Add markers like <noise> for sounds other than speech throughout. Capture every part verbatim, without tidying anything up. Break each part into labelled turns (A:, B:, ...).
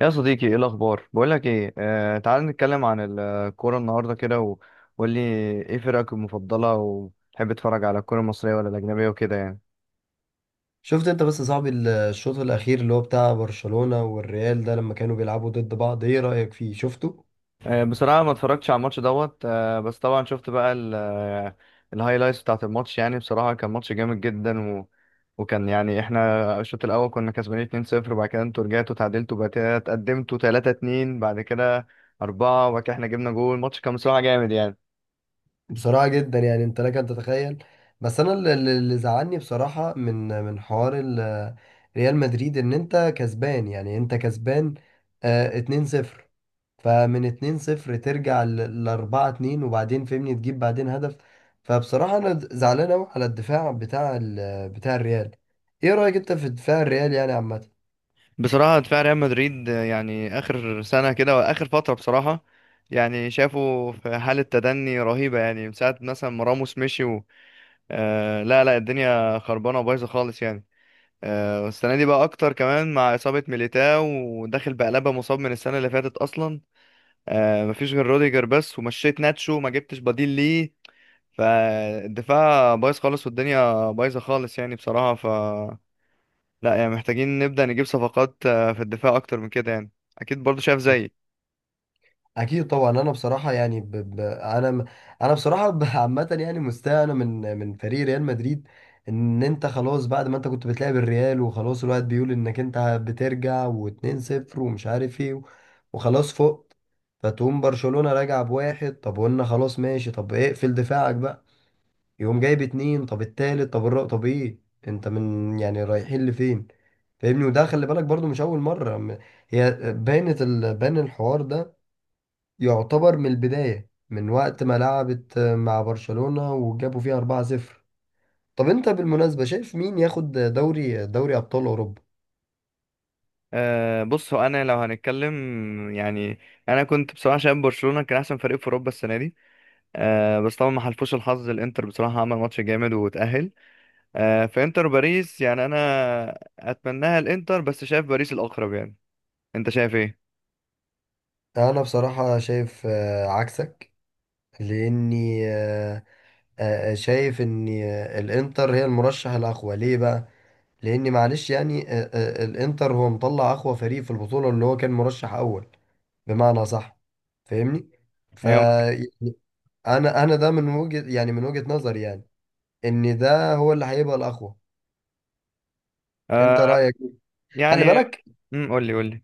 A: يا صديقي، ايه الاخبار؟ بقول لك ايه، آه، تعال نتكلم عن الكوره النهارده كده و- وقول لي ايه فرقك المفضله، وتحب تتفرج على الكوره المصريه ولا الاجنبيه وكده يعني.
B: شفت انت بس يا صاحبي ال- الشوط الاخير اللي هو بتاع برشلونة والريال ده لما كانوا بيلعبوا ضد بعض، ايه رأيك فيه؟ شفته
A: آه بصراحه ما اتفرجتش على الماتش دوت، آه بس طبعا شفت بقى ال- آه، الهايلايتس بتاعه الماتش. يعني بصراحه كان ماتش جامد جدا و وكان يعني احنا الشوط الاول كنا كسبانين اتنين صفر، وبعد كده انتوا رجعتوا تعادلتوا، بعد كده اتقدمتوا ثلاثة اثنين، بعد كده أربعة، وبعد كده احنا جبنا جول. الماتش كان بصراحه جامد يعني.
B: بصراحة جدا يعني، انت لك ان تتخيل. بس انا اللي اللي- اللي زعلني بصراحة من من حوار ال- ريال مدريد، ان انت كسبان، يعني انت كسبان آه اتنين صفر. فمن اتنين صفر ترجع ل اربعة اتنين وبعدين فهمني تجيب بعدين هدف؟ فبصراحة انا زعلان قوي على الدفاع بتاع ال- بتاع الريال. ايه رأيك انت في دفاع الريال يعني عامة؟
A: بصراحة دفاع ريال مدريد يعني آخر سنة كده وآخر فترة بصراحة، يعني شافوا في حالة تدني رهيبة يعني من ساعة مثلا ما راموس مشي و... آه لا لا، الدنيا خربانة وبايظة خالص يعني. آه والسنة دي بقى أكتر كمان مع إصابة ميليتاو، وداخل بقلبة مصاب من السنة اللي فاتت أصلا. آه مفيش غير روديجر بس، ومشيت ناتشو ما جبتش بديل ليه. فالدفاع بايظ خالص والدنيا بايظة خالص يعني. بصراحة لا، يعني محتاجين نبدأ نجيب صفقات آه، في الدفاع أكتر من كده يعني. أكيد برضو شايف زيي.
B: اكيد طبعا. انا بصراحه يعني ب... ب... انا م- انا بصراحه ب- <laughs> عامه يعني مستاء انا من من فريق ريال مدريد. ان انت خلاص بعد ما انت كنت بتلعب الريال وخلاص الواحد بيقول انك انت بترجع و2 صفر ومش عارف ايه و- وخلاص فقت. فتقوم برشلونه راجع بواحد، طب قلنا خلاص ماشي، طب اقفل دفاعك بقى. يقوم جايب اتنين، طب التالت، طب الرابع، طب ايه؟ انت من يعني رايحين لفين؟ فاهمني؟ وده خلي بالك برضو مش اول مره. م- هي باينه ال... باين الحوار ده. يعتبر من البداية من وقت ما لعبت مع برشلونة وجابوا فيها اربعة صفر. طب انت بالمناسبة شايف مين ياخد دوري، دوري أبطال أوروبا؟
A: أه، بص، هو أنا لو هنتكلم يعني، أنا كنت بصراحة شايف برشلونة كان أحسن فريق في أوروبا السنة دي. أه، بس طبعا ما حلفوش الحظ. الإنتر بصراحة عمل ماتش جامد وتأهل. أه، فإنتر باريس، يعني أنا أتمناها الإنتر، بس شايف باريس الأقرب يعني. أنت شايف إيه؟
B: أنا بصراحة شايف آه، عكسك. لأني آه، آه، آه، شايف إن آه، الإنتر هي المرشح الأقوى. ليه بقى؟ لأن معلش يعني، آه، آه، الإنتر هو مطلع أقوى فريق في البطولة، اللي هو كان مرشح أول بمعنى صح. فاهمني؟ ف
A: أيوة.
B: مم. يعني أنا، أنا ده من وجهة، يعني من وجهة نظري، يعني ان ده هو اللي هيبقى الاقوى. انت
A: أه،
B: رايك إيه؟ خلي
A: يعني
B: بالك.
A: امم، قول لي قول لي.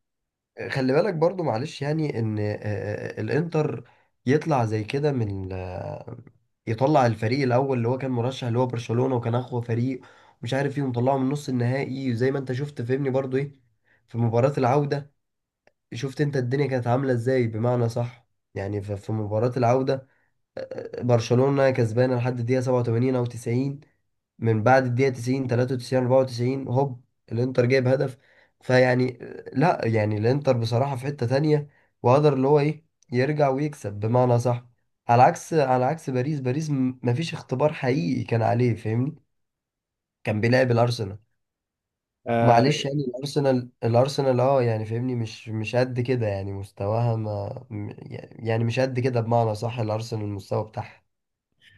B: خلي بالك برضو معلش يعني ان آه، آه، الانتر يطلع زي كده من آه، يطلع الفريق الاول اللي هو كان مرشح، اللي هو برشلونة وكان اقوى فريق ومش عارف ايه، ومطلعه من نص النهائي. وزي ما انت شفت فهمني برضو ايه، في مباراة العودة. شفت انت الدنيا كانت عاملة ازاي بمعنى صح؟ يعني ف- في مباراة العودة آه، برشلونة كسبانة لحد الدقيقة سبعة وتمانين او تسعين. من بعد الدقيقة تسعين تلاتة وتسعين اربعة وتسعين هوب الانتر جايب هدف. فيعني، لا يعني الانتر بصراحة في حتة تانية، وقدر اللي هو ايه، يرجع ويكسب بمعنى صح. على عكس، على عكس باريس. باريس م- مفيش اختبار حقيقي كان عليه، فاهمني. كان بيلعب الارسنال. معلش يعني، الارسنال الارسنال اه يعني فاهمني، مش مش قد كده، يعني مستواها ما م- يعني مش قد كده بمعنى صح. الارسنال المستوى بتاعها.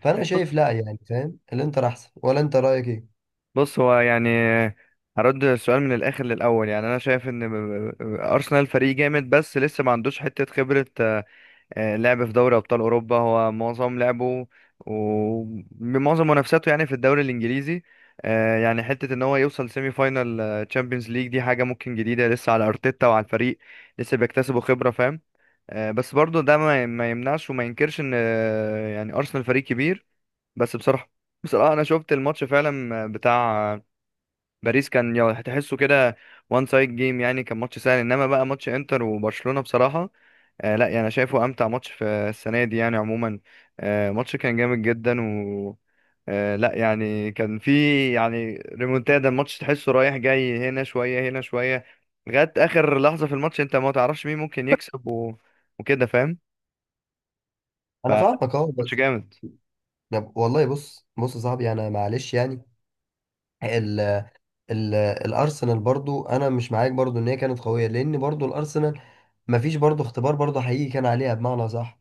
B: فانا
A: أه،
B: شايف لا يعني، فاهم، الانتر احسن، ولا انت رايك ايه؟
A: بص، هو يعني هرد السؤال من الاخر للاول. يعني انا شايف ان م- م- ارسنال فريق جامد، بس لسه ما عندوش حته خبره. آه، آه، لعب في دوري ابطال اوروبا، هو معظم لعبه ومعظم منافساته يعني في الدوري الانجليزي. آه، يعني حته ان هو يوصل سيمي فاينال تشامبيونز ليج دي حاجه ممكن جديده لسه على ارتيتا وعلى الفريق، لسه بيكتسبوا خبره فاهم. آه، بس برضه ده ما ما يمنعش وما ينكرش ان آه، يعني ارسنال فريق كبير. بس بصراحه، بصراحه انا شفت الماتش فعلا بتاع باريس، كان يو- هتحسه كده، وان سايد جيم يعني، كان ماتش سهل. انما بقى ماتش انتر وبرشلونة بصراحة، آه لا يعني انا شايفه امتع ماتش في السنة دي يعني عموما. آه ماتش كان جامد جدا و آه لا يعني كان في يعني ريمونتادا. الماتش تحسه رايح جاي، هنا شوية هنا شوية، لغاية اخر لحظة في الماتش انت ما تعرفش مين ممكن يكسب و... وكده فاهم.
B: انا فاهمك اه،
A: فماتش
B: بس
A: جامد.
B: طب والله، بص بص يا صاحبي، انا معلش يعني، ال ال الارسنال برضو انا مش معاك برضو ان هي كانت قويه، لان برضو الارسنال مفيش برضو اختبار برضو حقيقي كان عليها بمعنى صح.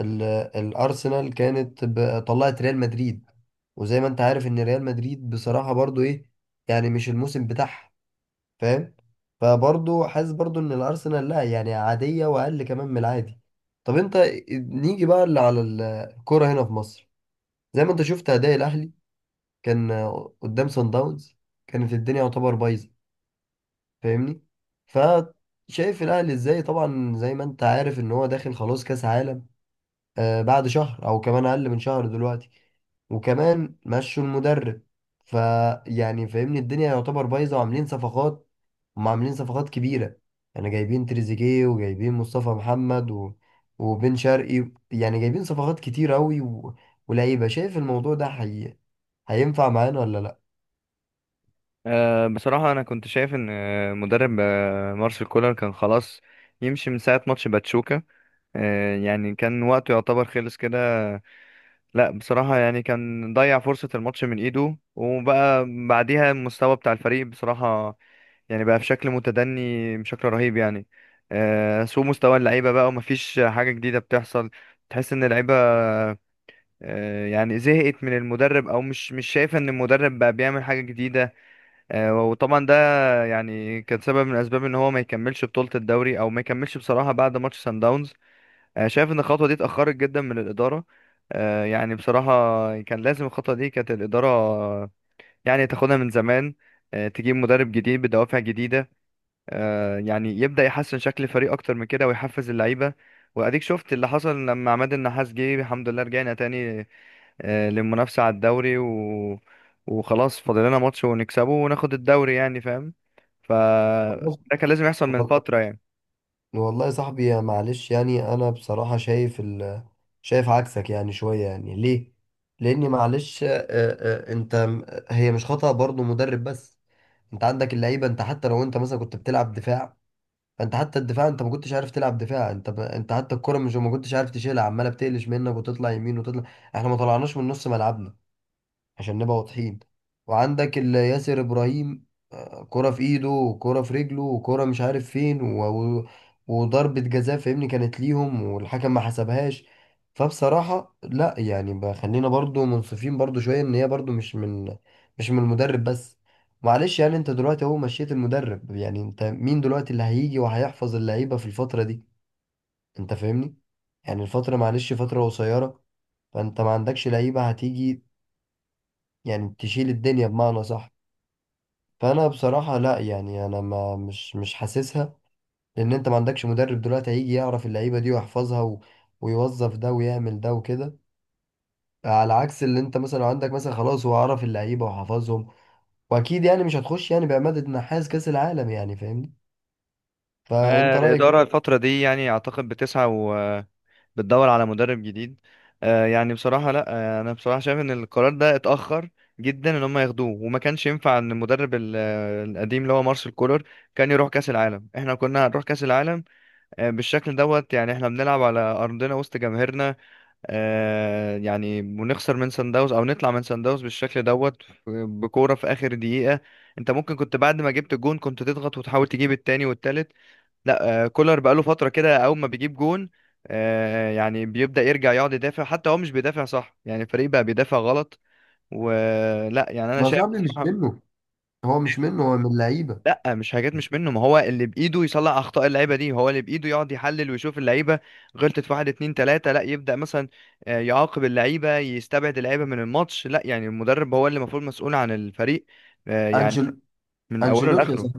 B: ال الارسنال كانت ب- طلعت ريال مدريد، وزي ما انت عارف ان ريال مدريد بصراحه برضو ايه، يعني مش الموسم بتاعها. فاهم؟ فبرضو حاسس برضو ان الارسنال لا يعني عاديه، واقل كمان من العادي. طب انت، نيجي بقى اللي على الكوره هنا في مصر. زي ما انت شفت اداء الاهلي كان آه، قدام سان داونز كانت الدنيا يعتبر بايظه، فاهمني. فشايف الاهلي ازاي؟ طبعا زي ما انت عارف ان هو داخل خلاص كاس عالم آه بعد شهر او كمان اقل من شهر دلوقتي، وكمان مشوا المدرب. فيعني فاهمني الدنيا يعتبر بايظه. وعاملين صفقات، هم عاملين صفقات كبيره، يعني جايبين تريزيجيه وجايبين مصطفى محمد و... وبن شرقي، يعني جايبين صفقات كتير قوي و... ولعيبه. شايف الموضوع ده حقيقي هينفع معانا ولا
A: آه بصراحة انا كنت شايف ان آه، مدرب آه مارسيل كولر كان خلاص يمشي من ساعة ماتش باتشوكا. آه، يعني كان وقته يعتبر خلص كده. لا بصراحة يعني كان ضيع فرصة الماتش من ايده، وبقى بعديها المستوى بتاع الفريق بصراحة يعني بقى في شكل متدني بشكل رهيب يعني. آه، سوء مستوى اللعيبة بقى، ومفيش حاجة جديدة بتحصل. تحس ان اللعيبة آه، يعني زهقت من المدرب، او مش مش شايفة ان المدرب بقى بيعمل حاجة جديدة. آه، وطبعا ده يعني كان سبب من اسباب ان هو ما يكملش بطولة الدوري، او ما يكملش بصراحة بعد ماتش سان داونز. آه، شايف ان الخطوه دي اتاخرت جدا من الاداره. آه، يعني بصراحه كان لازم الخطوه دي كانت الاداره آه، يعني تاخدها من زمان. آه، تجيب مدرب جديد بدوافع جديده آه، يعني يبدا يحسن شكل الفريق اكتر من كده ويحفز اللعيبه. واديك شفت اللي حصل لما عماد النحاس جه، الحمد لله رجعنا تاني آه، للمنافسه على الدوري و... وخلاص فاضل لنا ماتش ونكسبه وناخد الدوري يعني فاهم.
B: لا؟
A: فده كان لازم يحصل من
B: وال-
A: فتره يعني.
B: والله يا صاحبي يا، معلش يعني انا بصراحة شايف ال... شايف عكسك يعني شوية. يعني ليه؟ لاني معلش، آه، آه، آه، انت م- هي مش خطأ برضو مدرب بس. انت عندك اللعيبة. انت حتى لو انت مثلا كنت بتلعب دفاع، فانت حتى الدفاع، انت ما كنتش عارف تلعب دفاع. انت ب... انت حتى الكرة مش، ما كنتش عارف تشيلها، عمالة بتقلش منك وتطلع يمين وتطلع. احنا ما طلعناش من نص ملعبنا عشان نبقى واضحين. وعندك ال- ياسر ابراهيم آه، كرة في ايده وكرة في رجله وكرة مش عارف فين و... و... وضربة جزاء فاهمني كانت ليهم والحكم ما حسبهاش. فبصراحة لا، يعني بقى خلينا برضو منصفين برضو شوية، ان هي برضو مش من، مش من المدرب بس. معلش يعني انت دلوقتي اهو مشيت المدرب، يعني انت مين دلوقتي اللي هيجي وهيحفظ اللعيبة في الفترة دي؟ انت فاهمني. يعني الفترة معلش فترة قصيرة. فانت ما عندكش لعيبة هتيجي يعني تشيل الدنيا بمعنى صح. فانا بصراحه لا يعني، انا ما مش مش حاسسها. لان انت ما عندكش مدرب دلوقتي هيجي يعرف اللعيبه دي ويحفظها و... ويوظف ده ويعمل ده وكده. على عكس اللي انت مثلا لو عندك، مثلا خلاص هو عرف اللعيبه وحفظهم. واكيد يعني مش هتخش يعني بعماده نحاس كاس العالم، يعني فاهمني. فانت
A: آه،
B: رايك
A: الإدارة
B: ايه؟
A: الفترة دي يعني أعتقد بتسعى، بتدور على مدرب جديد. آه يعني بصراحة لا، آه انا بصراحة شايف ان القرار ده اتأخر جدا ان هم ياخدوه، وما كانش ينفع ان المدرب ال- آه، القديم اللي هو مارسيل كولر كان يروح كأس العالم. احنا كنا هنروح كأس العالم آه بالشكل دوت يعني؟ احنا بنلعب على ارضنا وسط جماهيرنا، آه يعني ونخسر من سان داونز، او نطلع من سان داونز بالشكل دوت آه، بكورة في اخر دقيقة. انت ممكن كنت بعد ما جبت الجون كنت تضغط وتحاول تجيب التاني والتالت. لا آه، كولر بقاله فترة كده أول ما بيجيب جون آه، يعني بيبدأ يرجع يقعد يدافع. حتى هو مش بيدافع صح، يعني الفريق بقى بيدافع غلط ولا، يعني أنا
B: ما هو
A: شايف
B: صاحبي مش
A: بصراحة.
B: منه، هو مش منه، هو من اللعيبه.
A: لا مش حاجات مش منه، ما هو اللي بإيده يصلح أخطاء اللعيبة دي، هو اللي بإيده يقعد يحلل ويشوف اللعيبة غلطت في واحد اتنين تلاتة، لا يبدأ مثلا آه، يعاقب اللعيبة، يستبعد اللعيبة من الماتش. لا يعني المدرب هو اللي المفروض مسؤول عن الفريق آه، يعني
B: انشل
A: من أوله
B: انشيلوتي.
A: لآخره.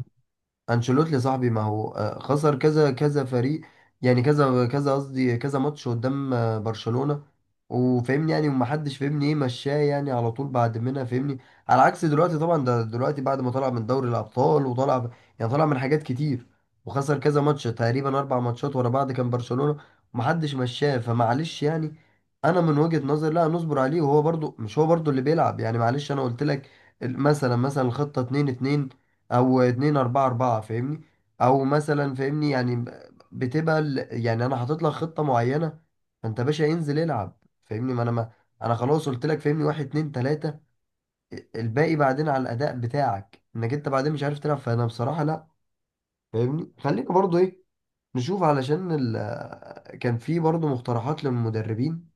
B: انشيلوتي يا صاحبي، ما هو آه، خسر كذا كذا فريق، يعني كذا كذا قصدي كذا ماتش قدام آه، برشلونة، وفهمني يعني ومحدش فهمني ايه مشاه يعني على طول بعد منها فهمني. على عكس دلوقتي طبعا، ده دلوقتي بعد ما طلع من دوري الابطال وطلع، يعني طلع من حاجات كتير وخسر كذا ماتش تقريبا اربع ماتشات ورا بعض كان برشلونة، ومحدش مشاه. فمعلش يعني، انا من وجهة نظري لا، نصبر عليه، وهو برضو مش هو برضو اللي بيلعب. يعني معلش انا قلت لك ال- مثلا، مثلا الخطة اتنين اتنين او اتنين اربعة اربعة فاهمني، او مثلا فاهمني يعني ب- بتبقى ال- يعني انا حاطط لك خطة معينة، فانت باشا انزل العب. فاهمني؟ ما انا ما انا خلاص قلت لك فاهمني واحد اتنين تلاتة، الباقي بعدين على الاداء بتاعك، انك انت بعدين مش عارف تلعب. فانا بصراحة لا، فاهمني، خلينا برضو ايه، نشوف، علشان ال... كان في برضو مقترحات للمدربين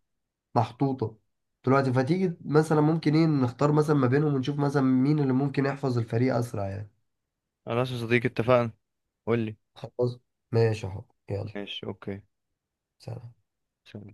B: محطوطة دلوقتي. فتيجي مثلا ممكن ايه نختار مثلا ما بينهم ونشوف مثلا مين اللي ممكن يحفظ الفريق اسرع يعني.
A: خلاص يا صديقي، اتفقنا. قول لي.
B: خلاص ماشي اهو يلا،
A: ماشي أوكي.
B: سلام.
A: سلام.